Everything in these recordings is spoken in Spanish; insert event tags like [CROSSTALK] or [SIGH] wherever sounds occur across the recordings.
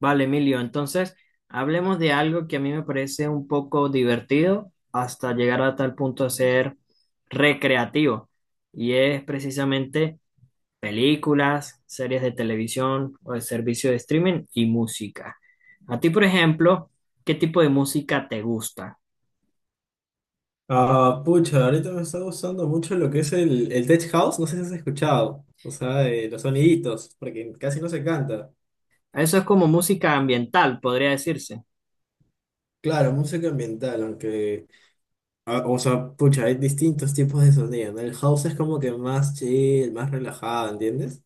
Vale, Emilio, entonces hablemos de algo que a mí me parece un poco divertido hasta llegar a tal punto de ser recreativo. Y es precisamente películas, series de televisión o de servicio de streaming y música. A ti, por ejemplo, ¿qué tipo de música te gusta? Pucha, ahorita me está gustando mucho lo que es el tech house, no sé si has escuchado, o sea, los soniditos, porque casi no se canta. Eso es como música ambiental, podría decirse. Claro, música ambiental, aunque, o sea, pucha, hay distintos tipos de sonido, ¿no? El house es como que más chill, más relajado, ¿entiendes?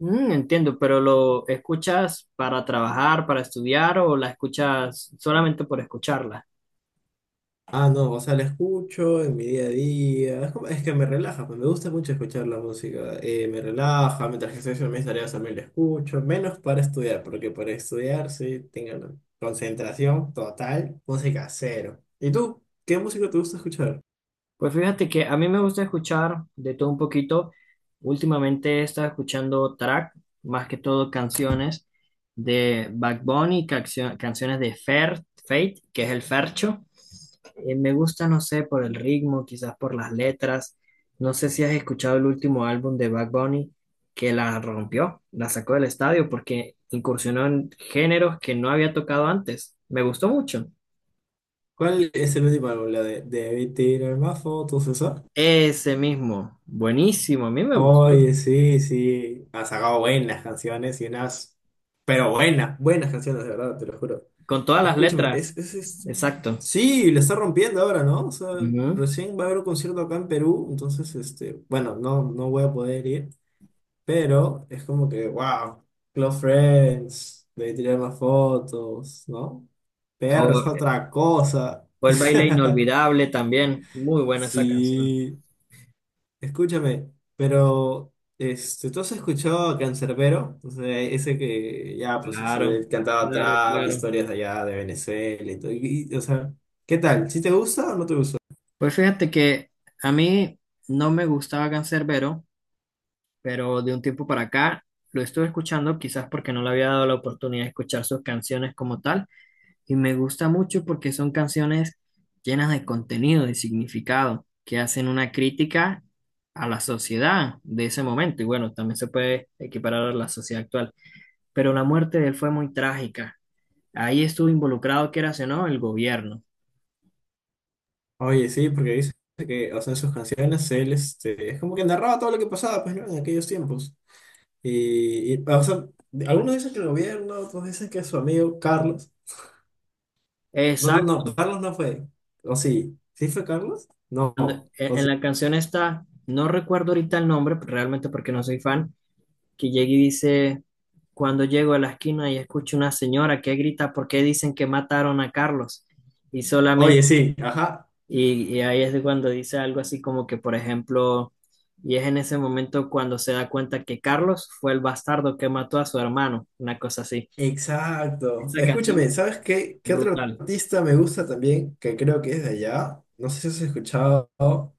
Entiendo, pero ¿lo escuchas para trabajar, para estudiar o la escuchas solamente por escucharla? Ah, no, o sea, la escucho en mi día a día. Es que me relaja, pues me gusta mucho escuchar la música. Me relaja, mientras que estoy haciendo mis tareas también la escucho. Menos para estudiar, porque para estudiar sí tengo la concentración total, música cero. ¿Y tú? ¿Qué música te gusta escuchar? Pues fíjate que a mí me gusta escuchar de todo un poquito. Últimamente he estado escuchando track, más que todo canciones de Bad Bunny, canciones de Fer, Fate, que es el Fercho. Me gusta, no sé, por el ritmo, quizás por las letras. No sé si has escuchado el último álbum de Bad Bunny que la rompió, la sacó del estadio porque incursionó en géneros que no había tocado antes. Me gustó mucho. ¿Cuál es el último álbum? ¿La de Debí tirar más fotos, esa? Ese mismo, buenísimo, a mí me gustó. Oye, sí, sí. Ha sacado buenas canciones y unas. Pero buenas, buenas canciones, de verdad, te lo juro. Con todas las Escúchame, letras, exacto. sí, le está rompiendo ahora, ¿no? O sea, Ujú. recién va a haber un concierto acá en Perú, entonces, este, bueno, no voy a poder ir, pero es como que, wow, Close Friends, debí tirar más fotos, ¿no? PR es O, otra cosa. o el baile [LAUGHS] inolvidable también, muy buena esa canción. Sí. Escúchame, pero este, ¿tú has escuchado a Canserbero? O sea, ese que ya, pues, o sea, Claro, él cantaba claro, trap, claro. historias de allá de Venezuela y todo. O sea, ¿qué tal? ¿Sí te gusta o no te gusta? Pues fíjate que a mí no me gustaba Canserbero, pero de un tiempo para acá lo estuve escuchando, quizás porque no le había dado la oportunidad de escuchar sus canciones como tal. Y me gusta mucho porque son canciones llenas de contenido, de significado, que hacen una crítica a la sociedad de ese momento. Y bueno, también se puede equiparar a la sociedad actual. Pero la muerte de él fue muy trágica. Ahí estuvo involucrado, quieras o no, el gobierno. Oye, sí, porque dice que, o sea, en sus canciones él, este, es como que narraba todo lo que pasaba, pues, ¿no? En aquellos tiempos. O sea, algunos dicen que el gobierno, otros dicen que su amigo Carlos. No, no, no, Exacto. Carlos no fue. ¿O sí? ¿Sí fue Carlos? No. En ¿O en sí? la canción está, no recuerdo ahorita el nombre, realmente porque no soy fan, que llega y dice, cuando llego a la esquina y escucho una señora que grita, ¿por qué dicen que mataron a Carlos? Y solamente. Oye, sí, ajá. Y ahí es de cuando dice algo así como que, por ejemplo, y es en ese momento cuando se da cuenta que Carlos fue el bastardo que mató a su hermano, una cosa así. Exacto. Esa canción, Escúchame, ¿sabes qué? ¿Qué otro brutal. artista me gusta también? Que creo que es de allá. No sé si has escuchado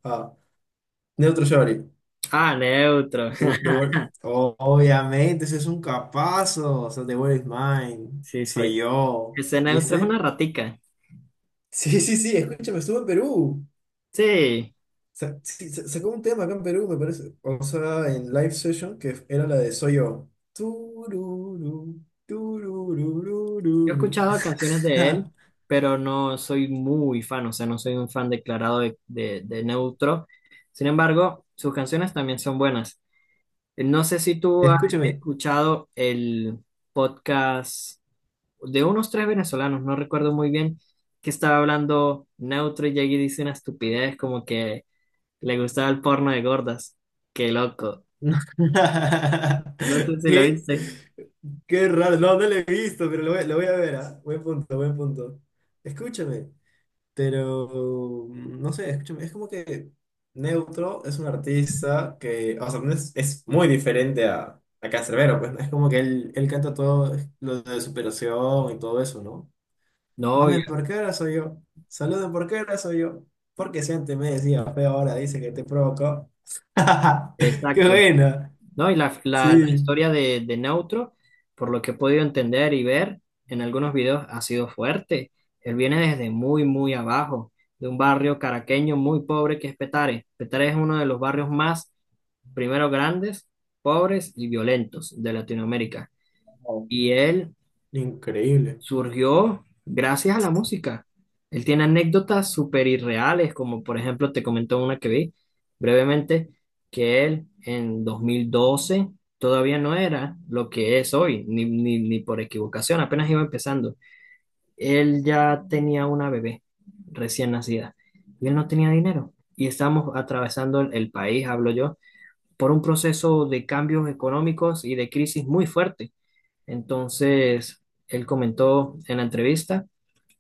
a Neutro Shorty. Ah, Neutro. [LAUGHS] Obviamente, ese es un capazo. O sea, The World is Mine. Sí, Soy sí. yo. Ese Neutro es una ¿Viste? [LAUGHS] ratica. Sí, sí, sí, escúchame, estuvo en Perú. Sí, Sacó un tema acá en Perú, me parece. O sea, en live session, que era la de Soy yo. Tururú, yo he turururururu. escuchado [LAUGHS] canciones de él, pero no soy muy fan, o sea, no soy un fan declarado de Neutro. Sin embargo, sus canciones también son buenas. No sé si tú has Escúchame. escuchado el podcast de unos tres venezolanos, no recuerdo muy bien, que estaba hablando neutro y allí dice una estupidez como que le gustaba el porno de gordas. Qué loco. No sé [LAUGHS] si lo ¿Qué? viste. Qué raro. No, no lo he visto, pero lo voy a ver, ¿ah? Buen punto, buen punto. Escúchame, pero no sé, escúchame. Es como que Neutro es un artista que, o sea, no es, es muy diferente a Canserbero, pues ¿no? Es como que él canta todo lo de superación y todo eso, ¿no? No, Mame, ¿por qué ahora soy yo? Saluden, ¿por qué ahora soy yo? Porque si antes me decía feo, ahora dice que te provocó. [LAUGHS] ¡Qué exacto. buena! No, y la Sí, historia de Neutro, por lo que he podido entender y ver en algunos videos, ha sido fuerte. Él viene desde muy, muy abajo, de un barrio caraqueño muy pobre que es Petare. Petare es uno de los barrios más, primero, grandes, pobres y violentos de Latinoamérica. Wow, Y él increíble. surgió gracias a la música. Él tiene anécdotas súper irreales, como por ejemplo te comento una que vi brevemente, que él en 2012 todavía no era lo que es hoy, ni por equivocación, apenas iba empezando. Él ya tenía una bebé recién nacida y él no tenía dinero. Y estábamos atravesando el país, hablo yo, por un proceso de cambios económicos y de crisis muy fuerte. Entonces, él comentó en la entrevista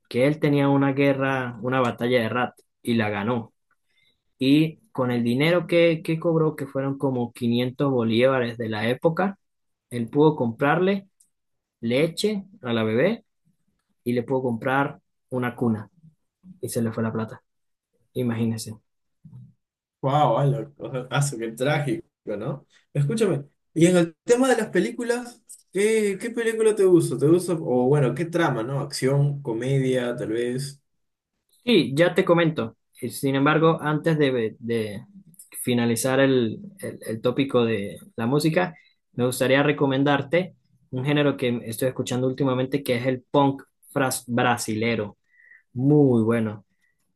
que él tenía una guerra, una batalla de rat y la ganó. Y con el dinero que cobró, que fueron como 500 bolívares de la época, él pudo comprarle leche a la bebé y le pudo comprar una cuna y se le fue la plata. Imagínense. Wow, ala, o sea, qué trágico, ¿no? Escúchame, y en el tema de las películas, ¿qué película te gusta? ¿Te gusta? O bueno, ¿qué trama, no? Acción, comedia, tal vez. Sí, ya te comento. Sin embargo, antes de finalizar el tópico de la música, me gustaría recomendarte un género que estoy escuchando últimamente, que es el punk brasilero. Muy bueno.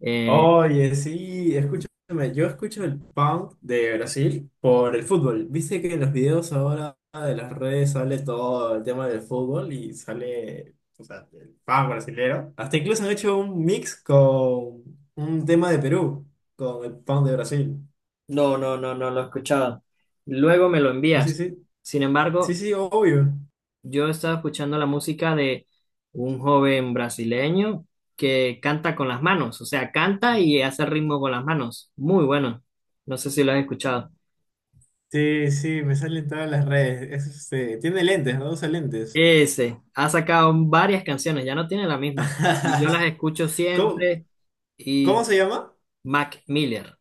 Eh, Oye, sí, escúchame, yo escucho el punk de Brasil por el fútbol. Viste que en los videos ahora de las redes sale todo el tema del fútbol y sale, o sea, el punk brasilero. Hasta incluso han hecho un mix con un tema de Perú, con el punk de Brasil. no, no, no, no lo he escuchado. Luego me lo Sí, sí, envías. sí. Sin Sí, embargo, sí, obvio. yo estaba escuchando la música de un joven brasileño que canta con las manos, o sea, canta y hace ritmo con las manos. Muy bueno. No sé si lo has escuchado. Sí, sí, me salen todas las redes. Es, este, tiene lentes, ¿no? Usa lentes. Ese ha sacado varias canciones, ya no tiene la misma. Y yo las [LAUGHS] escucho ¿Cómo, siempre. ¿cómo Y se llama? Mac Miller,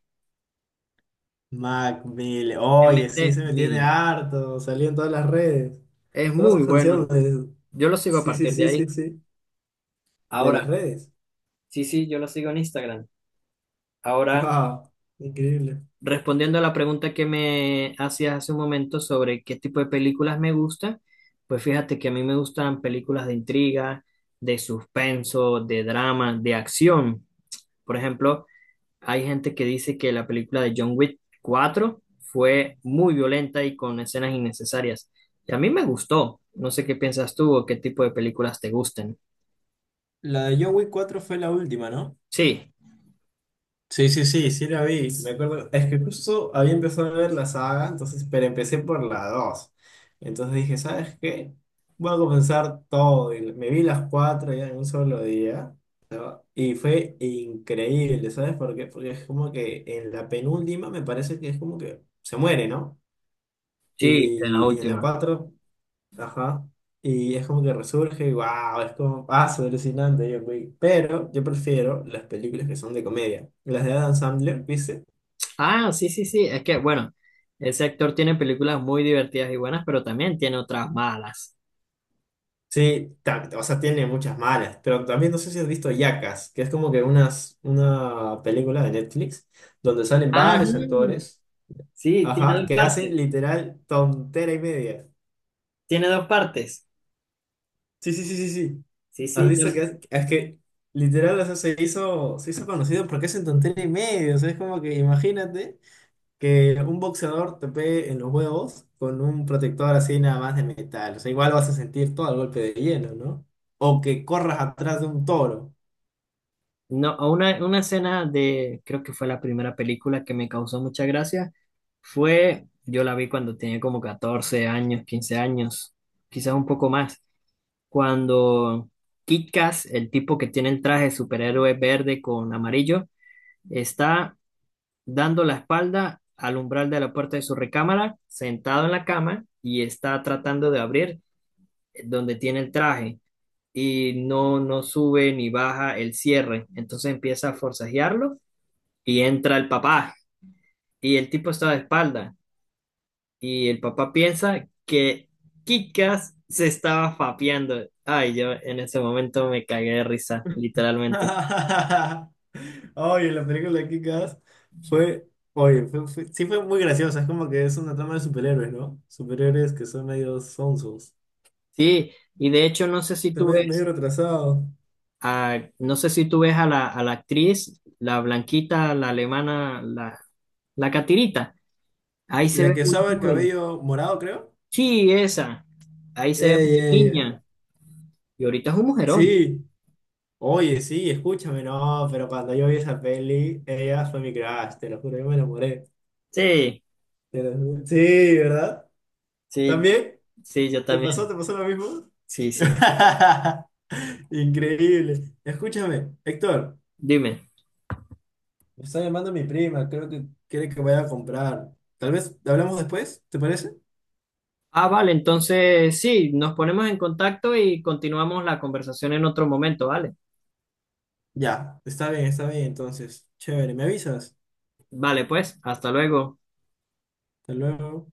Mac Miller. M. Oye, sí se MC me tiene Miller. harto. Salió en todas las redes. Es Todas muy esas bueno. canciones. Yo lo sigo a Sí, sí, partir de sí, sí, ahí. sí. De las Ahora, redes. sí, sí, yo lo sigo en Instagram. [LAUGHS] Ahora, Ah, increíble. respondiendo a la pregunta que me hacías hace un momento sobre qué tipo de películas me gustan, pues fíjate que a mí me gustan películas de intriga, de suspenso, de drama, de acción. Por ejemplo, hay gente que dice que la película de John Wick 4 fue muy violenta y con escenas innecesarias. Y a mí me gustó. No sé qué piensas tú o qué tipo de películas te gusten. La de John Wick 4 fue la última, ¿no? Sí, Sí, sí, sí, sí la vi. Me acuerdo, es que justo había empezado a ver la saga, entonces, pero empecé por la dos. Entonces dije, ¿sabes qué? Voy a comenzar todo. Y me vi las cuatro ya en un solo día, ¿no? Y fue increíble, ¿sabes por qué? Porque es como que en la penúltima me parece que es como que se muere, ¿no? sí, en la En la última. cuatro. Ajá. Y es como que resurge y wow, es como paso alucinante, yo, güey. Pero yo prefiero las películas que son de comedia. Las de Adam Sandler, ¿viste? Ah, sí, sí, sí. Es que, bueno, ese actor tiene películas muy divertidas y buenas, pero también tiene otras malas. Sí, o sea, tiene muchas malas, pero también no sé si has visto Jackass, que es como que una película de Netflix donde salen Ajá. varios actores, Sí, tiene ajá, dos que hacen partes. literal tontera y media. Tiene dos partes. Sí, sí, sí, sí, sí. Sí, ¿Has sí, visto yo. que es que literal o sea, se hizo conocido porque hacen tontera y media? O sea, es como que imagínate que un boxeador te pegue en los huevos con un protector así nada más de metal. O sea, igual vas a sentir todo el golpe de hielo, ¿no? O que corras atrás de un toro. No, una escena de, creo que fue la primera película que me causó mucha gracia, fue, yo la vi cuando tenía como 14 años, 15 años, quizás un poco más, cuando Kit Kat, el tipo que tiene el traje superhéroe verde con amarillo, está dando la espalda al umbral de la puerta de su recámara, sentado en la cama y está tratando de abrir, donde tiene el traje y no, no sube ni baja el cierre. Entonces empieza a forcejearlo y entra el papá y el tipo está de espalda y el papá piensa que Kikas se estaba fapeando. Ay, yo en ese momento me cagué de risa, literalmente. [LAUGHS] Oye, la película de Kick-Ass fue, oye, sí fue muy graciosa. Es como que es una trama de superhéroes, ¿no? Superhéroes que son medio sonsos. Sí, y de hecho no sé si Está tú medio ves. retrasado. No sé si tú ves a la actriz, la blanquita, la alemana, la catirita. Ahí se La ve que muy usaba el joven. cabello morado, creo. Sí, esa. Ahí se ve muy Ey, ey, ey. niña. Y ahorita es un mujerón. Sí. Oye, sí, escúchame, no, pero cuando yo vi esa peli, ella fue mi crush, te lo juro, yo me enamoré. Sí, Sí, ¿verdad? sí, ¿También? sí, yo también. ¿te pasó lo mismo? Sí, sí. [LAUGHS] Increíble. Escúchame, Héctor, Dime. me está llamando mi prima, creo que quiere que vaya a comprar. Tal vez hablamos después, ¿te parece? Ah, vale, entonces sí, nos ponemos en contacto y continuamos la conversación en otro momento, ¿vale? Ya, está bien, entonces, chévere, ¿me avisas? Vale, pues, hasta luego. Hasta luego.